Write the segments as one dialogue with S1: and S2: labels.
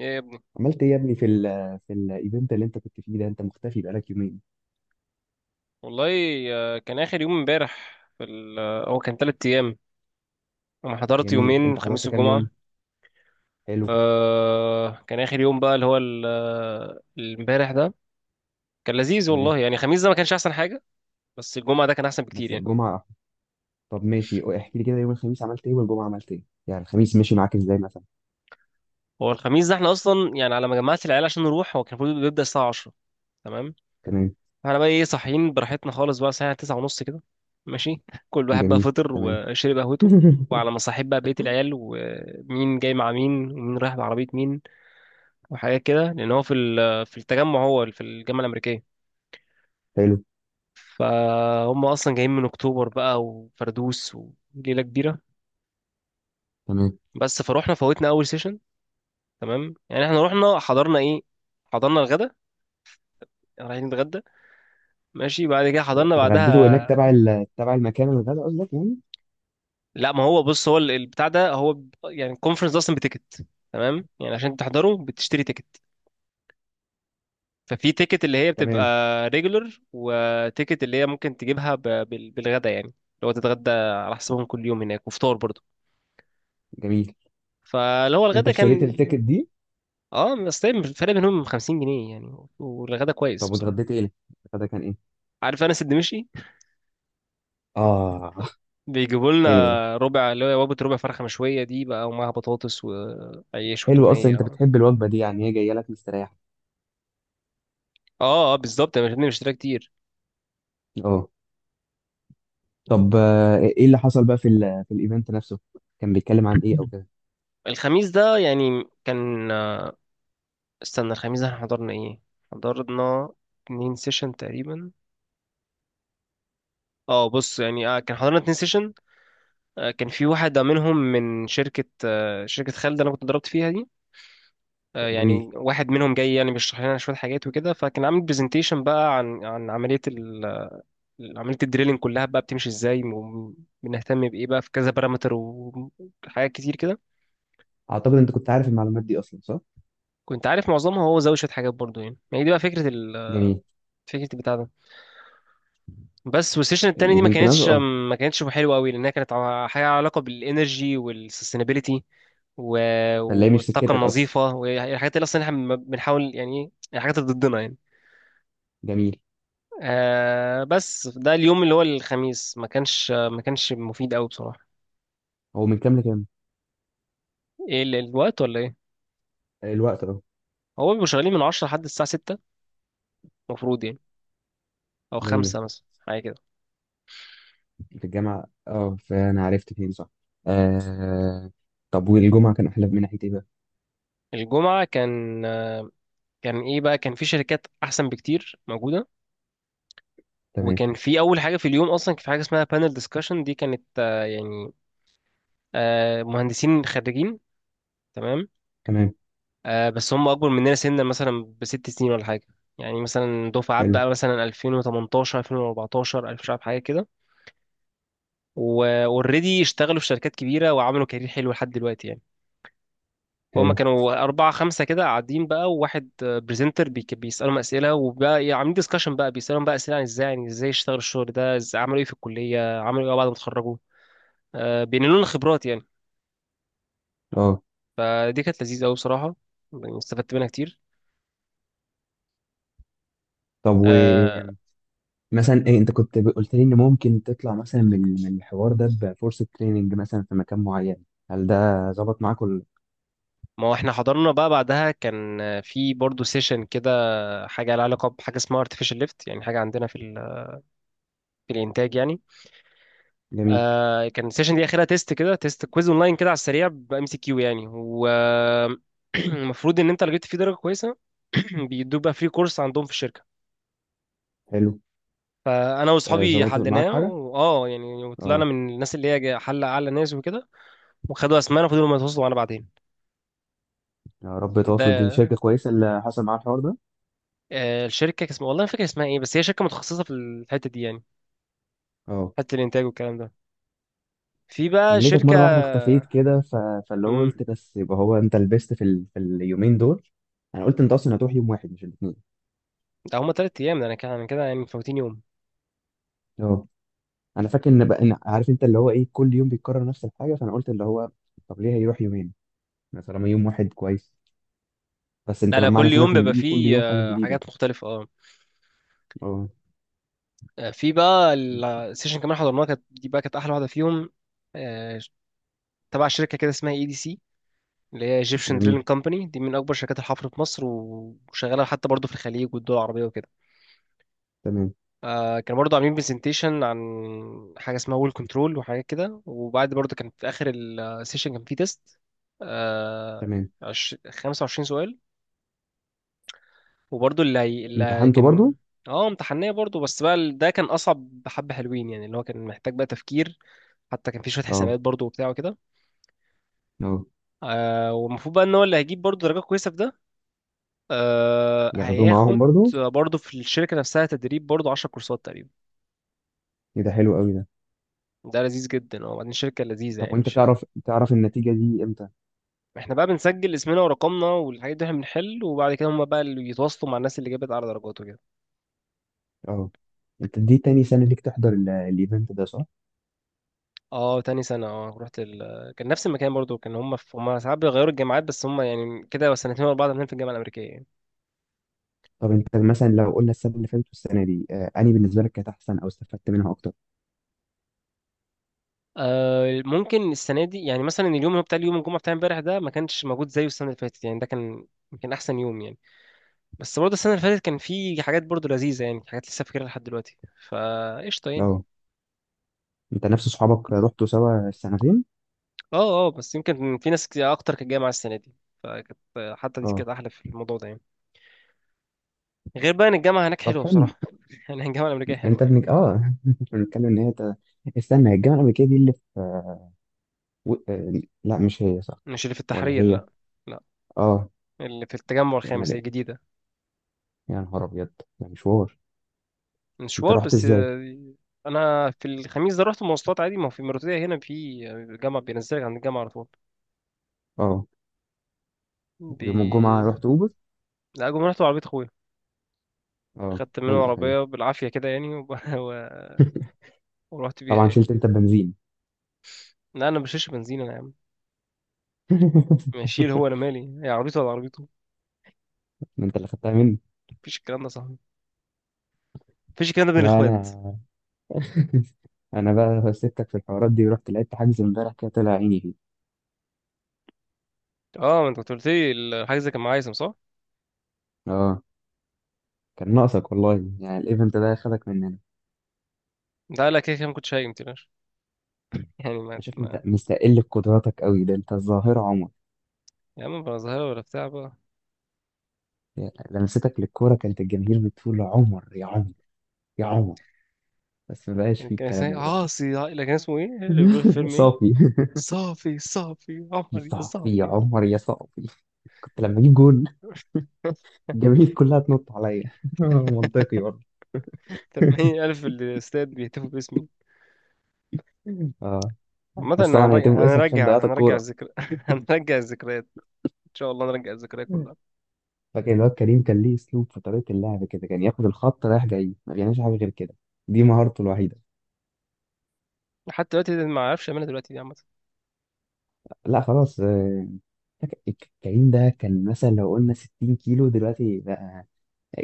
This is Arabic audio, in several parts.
S1: ايه يا ابني؟
S2: عملت ايه يا ابني في الايفنت اللي انت كنت فيه ده، انت مختفي بقالك يومين؟
S1: والله كان اخر يوم امبارح هو كان 3 ايام. انا حضرت
S2: جميل.
S1: يومين،
S2: انت
S1: الخميس
S2: حضرت كام
S1: والجمعه.
S2: يوم؟ حلو.
S1: كان اخر يوم بقى اللي هو الامبارح ده. كان لذيذ
S2: تمام.
S1: والله، يعني الخميس ده ما كانش احسن حاجه. بس الجمعه ده كان احسن بكتير
S2: بس
S1: يعني.
S2: الجمعة. طب ماشي، احكي لي كده، يوم الخميس عملت ايه والجمعة عملت ايه؟ يعني الخميس مشي معاك ازاي مثلا؟
S1: هو الخميس ده احنا اصلا، يعني على ما جمعت العيال عشان نروح، هو كان المفروض بيبدا الساعه 10. تمام.
S2: تمام.
S1: احنا بقى ايه، صاحيين براحتنا خالص بقى الساعه 9 ونص كده، ماشي. كل واحد بقى
S2: جميل.
S1: فطر
S2: تمام.
S1: وشرب قهوته، وعلى ما صاحب بقى بيت العيال، ومين جاي مع مين ومين رايح بعربيه مين، وحاجات كده. لان هو في التجمع، هو في الجامعه الامريكيه.
S2: حلو.
S1: فهم اصلا جايين من اكتوبر بقى، وفردوس، وليله كبيره.
S2: تمام.
S1: بس فروحنا فوتنا اول سيشن. تمام يعني احنا رحنا حضرنا ايه؟ حضرنا الغدا، رايحين نتغدى. ماشي، بعد كده حضرنا
S2: اتغديتوا
S1: بعدها.
S2: هناك تبع المكان، الغدا قصدك يعني؟
S1: لا، ما هو بص، هو البتاع ده هو يعني الكونفرنس ده اصلا بتيكت. تمام، يعني عشان تحضره بتشتري تيكت. ففي تيكت اللي هي بتبقى
S2: تمام.
S1: ريجولر، وتيكت اللي هي ممكن تجيبها بالغدا، يعني اللي هو تتغدى على حسابهم كل يوم هناك، وفطار برضه.
S2: جميل.
S1: فاللي هو
S2: انت
S1: الغدا
S2: اشتريت
S1: كان،
S2: التيكت دي؟
S1: اه بس طيب الفرق بينهم 50 جنيه يعني، والغدا كويس
S2: طب
S1: بصراحه.
S2: واتغديت ايه؟ الغدا كان ايه؟
S1: عارف انس الدمشقي؟
S2: اه،
S1: بيجيبوا لنا
S2: حلو ده.
S1: ربع، اللي هي وجبه ربع فرخه مشويه دي بقى، ومعاها بطاطس وعيش
S2: حلو، اصلا
S1: وتوميه
S2: انت
S1: و...
S2: بتحب الوجبة دي، يعني هي جاية لك مستريح.
S1: اه اه، بالظبط، انا مش مشتريها كتير.
S2: اه. طب، ايه اللي حصل بقى في في الايفنت نفسه؟ كان بيتكلم عن ايه او كده؟
S1: الخميس ده يعني كان، استنى، الخميس ده احنا حضرنا ايه؟ حضرنا 2 سيشن تقريبا. اه بص يعني، كان حضرنا 2 سيشن. كان في واحد منهم من شركة، شركة خالد اللي انا كنت ضربت فيها دي.
S2: جميل.
S1: يعني واحد منهم جاي يعني بيشرح لنا شويه حاجات وكده، فكان عامل برزنتيشن بقى عن عمليه عمليه الدريلينج كلها بقى بتمشي ازاي، وبنهتم بايه بقى، في كذا بارامتر وحاجات كتير كده.
S2: اعتقد انت كنت عارف المعلومات دي اصلا، صح؟
S1: كنت عارف معظمها، هو زود شويه حاجات برضو، يعني ما هي دي بقى فكره
S2: جميل.
S1: فكره البتاع ده. بس والسيشن التاني دي ما
S2: الايفنت
S1: كانتش
S2: نفسه، اه.
S1: ما كانتش حلوه قوي، لانها كانت حاجه علاقه بالانرجي والسستينابيلتي و...
S2: فاللي مش
S1: والطاقه
S2: سكتك اصلا.
S1: النظيفه، والحاجات اللي اصلا احنا بنحاول، يعني إيه، الحاجات اللي ضدنا يعني.
S2: جميل.
S1: بس ده اليوم اللي هو الخميس ما كانش مفيد قوي بصراحة.
S2: هو من كام لكام؟
S1: ايه الوقت ولا ايه؟
S2: الوقت، اه.
S1: هو بيبقوا شغالين من 10 لحد الساعة 6، المفروض يعني، او
S2: جميل،
S1: 5 مثلا، حاجة كده.
S2: في الجامعه، اه، فانا عرفت فين، صح. آه. طب والجمعه كان احلى من ناحيه ايه بقى؟
S1: الجمعة كان، كان ايه بقى، كان في شركات احسن بكتير موجودة.
S2: تمام.
S1: وكان في اول حاجة في اليوم اصلا، كان في حاجة اسمها بانل ديسكشن، دي كانت، يعني مهندسين خريجين. تمام،
S2: تمام.
S1: بس هم اكبر مننا سنا مثلا بست سنين ولا حاجة. يعني مثلا دفعات
S2: حلو.
S1: بقى مثلا 2018، 2014، مش عارف، حاجة كده. واوريدي اشتغلوا في شركات كبيره وعملوا كارير حلو لحد دلوقتي يعني. فهم
S2: حلو.
S1: كانوا أربعة خمسة كده قاعدين بقى، وواحد بريزنتر بيسألهم أسئلة، وبقى يعني عاملين ديسكشن بقى، بيسألهم بقى أسئلة عن إزاي، يعني إزاي اشتغلوا الشغل ده، إزاي عملوا إيه في الكلية، عملوا إيه بعد ما اتخرجوا. بينقلوا لنا خبرات يعني.
S2: اه.
S1: فدي كانت لذيذة أوي بصراحة، يعني استفدت منها كتير.
S2: طب،
S1: آه
S2: ومثلا إيه؟ انت كنت قلت لي ان ممكن تطلع مثلا من الحوار ده بفرصه تريننج مثلا في مكان معين، هل ده ظبط معاك؟
S1: ما هو احنا حضرنا بقى، بعدها كان في برضه سيشن كده، حاجة لها علاقة بحاجة اسمها artificial lift، يعني حاجة عندنا في الإنتاج يعني.
S2: جميل.
S1: كان السيشن دي اخرها تيست كده، تيست كويز اونلاين كده على السريع، بام سي كيو يعني، والمفروض ان انت لو جبت فيه درجه كويسه، بيدوك بقى فري كورس عندهم في الشركه.
S2: حلو.
S1: فانا واصحابي
S2: ظبطت معاك
S1: حليناه،
S2: حاجة؟
S1: واه يعني، وطلعنا
S2: اه.
S1: من الناس اللي هي حل اعلى ناس وكده، وخدوا اسمائنا، وفضلوا ما يتواصلوا معانا بعدين
S2: يا رب تواصل، دي
S1: ده.
S2: شركة كويسة اللي حصل معاها الحوار ده.
S1: الشركه كان اسمها والله ما فاكر اسمها ايه، بس هي شركه متخصصه في الحته دي يعني،
S2: اه.
S1: حته الانتاج والكلام ده، في بقى
S2: انا لقيتك مرة
S1: شركه.
S2: واحدة اختفيت كده، فاللي هو
S1: امم
S2: قلت بس، يبقى هو انت لبست في اليومين دول. انا قلت انت اصلا هتروح يوم واحد، مش الاثنين.
S1: ده هما 3 ايام، ده انا كده أنا كده يعني مفوتين يوم.
S2: اه، انا فاكر ان بقى، إن عارف انت اللي هو ايه، كل يوم بيتكرر نفس الحاجة، فانا قلت اللي هو طب ليه هيروح يومين؟ ما طالما يوم واحد كويس. بس انت
S1: لا لا،
S2: معنى
S1: كل يوم
S2: كلامك ان
S1: بيبقى
S2: بيجي كل
S1: فيه،
S2: يوم حاجة جديدة.
S1: حاجات مختلفة، اه.
S2: اه.
S1: في بقى السيشن كمان حضرناها، كانت دي بقى كانت أحلى واحدة فيهم. آه، تبع شركة كده اسمها اي دي سي، اللي هي ايجيبشن
S2: جميل.
S1: دريلينج كومباني، دي من أكبر شركات الحفر في مصر، وشغالة حتى برضه في الخليج والدول العربية وكده.
S2: تمام.
S1: كانوا برضه عاملين برزنتيشن عن حاجة اسمها وول كنترول وحاجات كده. وبعد برضه كان في آخر السيشن كان فيه تيست
S2: تمام.
S1: 25 سؤال. وبرضه اللي
S2: امتحنته برضو؟
S1: كان، اه، امتحانية برضه. بس بقى ده كان أصعب حبة، حلوين يعني، اللي هو كان محتاج بقى تفكير، حتى كان في شوية
S2: اه.
S1: حسابات برضه وبتاع وكده.
S2: اه.
S1: والمفروض بقى إن هو اللي هيجيب برضه درجة كويسة في ده،
S2: ياخدوه معاهم
S1: هياخد
S2: برضو؟
S1: برضه في الشركة نفسها تدريب برضه 10 كورسات تقريبا.
S2: إيه ده حلو قوي ده.
S1: ده لذيذ جدا، اه، وبعدين شركة لذيذة
S2: طب،
S1: يعني،
S2: وانت
S1: مش...
S2: تعرف النتيجة دي امتى؟
S1: احنا بقى بنسجل اسمنا ورقمنا والحاجات دي، احنا بنحل، وبعد كده هما بقى اللي يتواصلوا مع الناس اللي جابت أعلى درجات وكده.
S2: اه. انت دي تاني سنة ليك تحضر الايفنت ده، صح؟
S1: اه، تاني سنة، اه، رحت كان نفس المكان برضو، كان هم ساعات بيغيروا الجامعات، بس هم يعني كده سنتين ورا بعض عاملين في الجامعة الأمريكية يعني.
S2: طب، انت مثلا لو قلنا السنة اللي فاتت والسنة دي، انهي بالنسبة لك كانت احسن او استفدت منها اكتر؟
S1: ممكن السنة دي يعني، مثلا اليوم اللي هو بتاع اليوم الجمعة بتاع امبارح ده، ما كانش موجود زيه السنة اللي فاتت يعني، ده كان يمكن أحسن يوم يعني. بس برضه السنة اللي فاتت كان في حاجات برضه لذيذة يعني، حاجات لسه فاكرها لحد دلوقتي، فقشطة يعني.
S2: اه. انت نفس صحابك رحتوا سوا السنتين؟
S1: اه اه، بس يمكن في ناس كتير أكتر كانت جاية مع السنة دي، فكانت، حتى دي كانت
S2: اه.
S1: أحلى في الموضوع ده يعني. غير بقى إن الجامعة هناك
S2: طب،
S1: حلوة
S2: حلو.
S1: بصراحة. يعني الجامعة الأمريكية
S2: انت
S1: حلوة يعني.
S2: ابنك، اه. بنتكلم ان هي استنى، هي الجامعة الأمريكية دي اللي في، آه، و... آه، لا، مش هي، صح؟
S1: مش اللي في
S2: ولا
S1: التحرير،
S2: هي؟
S1: لا،
S2: اه.
S1: اللي في التجمع
S2: انا،
S1: الخامس
S2: لا.
S1: الجديدة.
S2: يا نهار ابيض، ده مشوار. انت
S1: مشوار،
S2: رحت
S1: بس،
S2: ازاي؟
S1: أنا في الخميس ده رحت مواصلات عادي، ما هو في المرتدية هنا في جامعة، بينزلك عند الجامعة على طول.
S2: اه.
S1: بي...
S2: ويوم الجمعة رحت اوبر؟
S1: لا، جم رحت بعربية أخويا.
S2: اه،
S1: خدت منه
S2: حلو حلو.
S1: عربية بالعافية كده يعني، ورحت بيها
S2: طبعا
S1: يعني.
S2: شلت انت البنزين.
S1: لا، أنا بشيلش بنزين أنا يا عم، ماشيل. هو أنا مالي، هي عربيته ولا عربيته؟
S2: ما انت اللي خدتها مني.
S1: مفيش الكلام ده يا صاحبي، مفيش الكلام ده بين
S2: لا
S1: الإخوات.
S2: انا. انا بقى سبتك في الحوارات دي ورحت لعبت حجز امبارح، كده طلع عيني فيه.
S1: أه، ما أنت كنت قلت لي الحاجة زي كان معايا صح؟
S2: اه. كان ناقصك والله، يعني الايفنت ده خدك مننا انا.
S1: لا لا، كده كده ما كنتش هايم، متقلقش، يعني ما
S2: شايف انت
S1: ما
S2: مستقل بقدراتك قوي، ده انت الظاهرة عمر.
S1: يا عم بقى، ظاهرة ولا بتاع بقى.
S2: يعني لمستك للكورة كانت الجماهير بتقول عمر يا عمر، يا عمر. بس ما بقاش
S1: يعني
S2: فيه
S1: كان
S2: الكلام
S1: اسمه،
S2: ده دلوقتي.
S1: اه، سي، لا، كان اسمه ايه اللي بيقول في الفيلم، ايه؟
S2: صافي.
S1: صافي، صافي
S2: يا
S1: عمر يا
S2: صافي يا
S1: صافي.
S2: عمر يا صافي. كنت لما اجيب جول، الجماهير كلها تنط عليا. منطقي برضه.
S1: 80,000 الاستاد بيهتفوا باسمي.
S2: اه.
S1: عامة،
S2: بس طبعا هيتم
S1: هنرجع
S2: اسمك عشان
S1: هنرجع
S2: ضيعت
S1: هنرجع
S2: الكوره.
S1: الذكر هنرجع الذكريات. ان شاء الله نرجع الذكريات
S2: مم.
S1: كلها.
S2: فاكر الواد كريم؟ كان ليه اسلوب في طريقه اللعب كده، كان ياخد الخط رايح جاي، ما بيعملش حاجه غير كده، دي مهارته الوحيده.
S1: حتى دلوقتي ده ما اعرفش اعملها دلوقتي دي، عامة.
S2: لا خلاص. فاكر- كريم ده كان مثلا لو قلنا 60 كيلو دلوقتي بقى،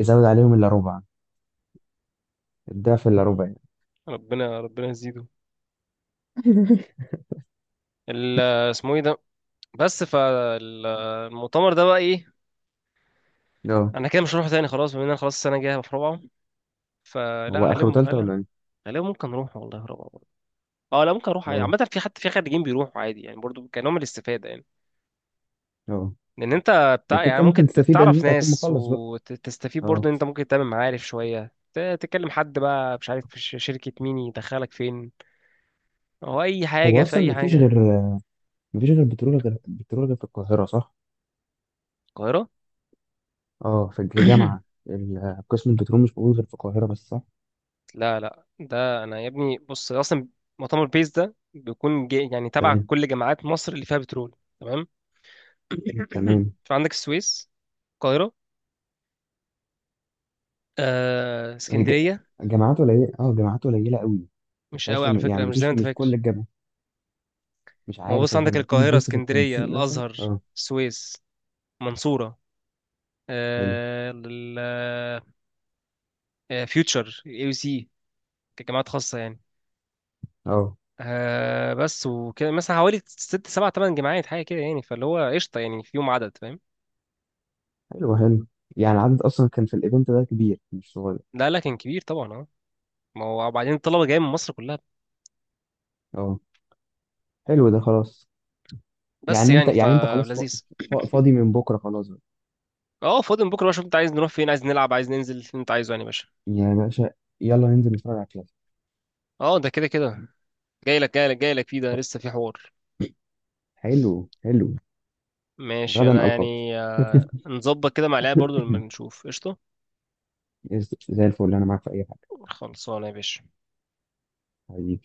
S2: زود عليهم الا ربع. الضعف الا ربع يعني.
S1: ربنا ربنا يزيده. ال- اسمه ايه ده؟ بس فالمؤتمر ده بقى ايه؟
S2: اه.
S1: انا كده مش هروح تاني خلاص، بما ان انا خلاص السنة الجاية هبقى في رابعة، فلا،
S2: هو اخره
S1: غالبا
S2: تالتة ولا
S1: غالبا
S2: ايه؟
S1: غالبا ممكن نروح والله في رابعة. اه، لا ممكن اروح عادي،
S2: اه.
S1: عامه في خريجين بيروحوا عادي يعني، برضو كنوع من الاستفاده يعني.
S2: اه.
S1: لان انت بتاع
S2: ممكن
S1: يعني،
S2: كان
S1: ممكن
S2: ممكن تستفيد ان
S1: تعرف
S2: انت هتكون
S1: ناس
S2: مخلص بقى.
S1: وتستفيد
S2: اه.
S1: برضو، ان انت ممكن تعمل معارف شويه، تكلم حد بقى، مش عارف في شركه مين يدخلك فين، او اي حاجه
S2: هو
S1: في
S2: اصلا
S1: اي
S2: مفيش
S1: حاجه.
S2: غير مفيش غير بترول غير في القاهرة، صح؟
S1: القاهره.
S2: اه. في، هي جامعة، قسم البترول مش موجود غير في القاهرة بس، صح؟
S1: لا لا، ده انا يا ابني بص اصلا، مؤتمر بيس ده بيكون جي يعني تبع
S2: تمام.
S1: كل جامعات مصر اللي فيها بترول. تمام.
S2: تمام.
S1: فعندك السويس، القاهره،
S2: هي
S1: اسكندريه.
S2: جامعات قليلة، اه، جامعات قليلة قوي. ما
S1: مش
S2: فيهاش
S1: قوي على فكره،
S2: يعني، ما
S1: مش زي ما
S2: فيش
S1: انت
S2: مش كل
S1: فاكر.
S2: الجامعة. مش
S1: ما
S2: عارف،
S1: بص،
S2: اصل
S1: عندك
S2: لما تيجي
S1: القاهرة،
S2: تبص في
S1: اسكندرية،
S2: التنسيق مثلا،
S1: الأزهر،
S2: اه.
S1: السويس، منصورة،
S2: حلو.
S1: آه، ال- فيوتشر، اي يو سي، كجامعات خاصة يعني.
S2: اه.
S1: بس وكده مثلا حوالي ست سبع تمن جامعات، حاجة كده يعني، فاللي هو قشطة يعني، في يوم عدد فاهم.
S2: حلو. حلو. يعني العدد اصلا كان في الايفنت ده كبير، مش صغير.
S1: لا لا، كان كبير طبعا، اه، ما هو وبعدين الطلبة جاية من مصر كلها.
S2: اه. حلو ده، خلاص.
S1: بس
S2: يعني انت
S1: يعني
S2: يعني انت خلاص
S1: فلذيذ.
S2: فاضي من بكرة، خلاص بقى.
S1: اه فاضي من بكرة بقى، شوف انت عايز نروح فين، عايز نلعب، عايز ننزل، اللي انت عايزه يعني يا باشا.
S2: يا باشا. يلا ننزل نتفرج على الكلاسيكو.
S1: اه، ده كده كده، جاي لك جاي لك جاي لك فيه، ده
S2: طب،
S1: لسه في حوار.
S2: حلو حلو.
S1: ماشي،
S2: غدا
S1: انا
S2: القاك.
S1: يعني، نظبط كده مع العيال برضو لما نشوف، قشطه،
S2: زي الفل، انا معاك في اي حاجة.
S1: خلصانه يا باشا.
S2: حبيبي.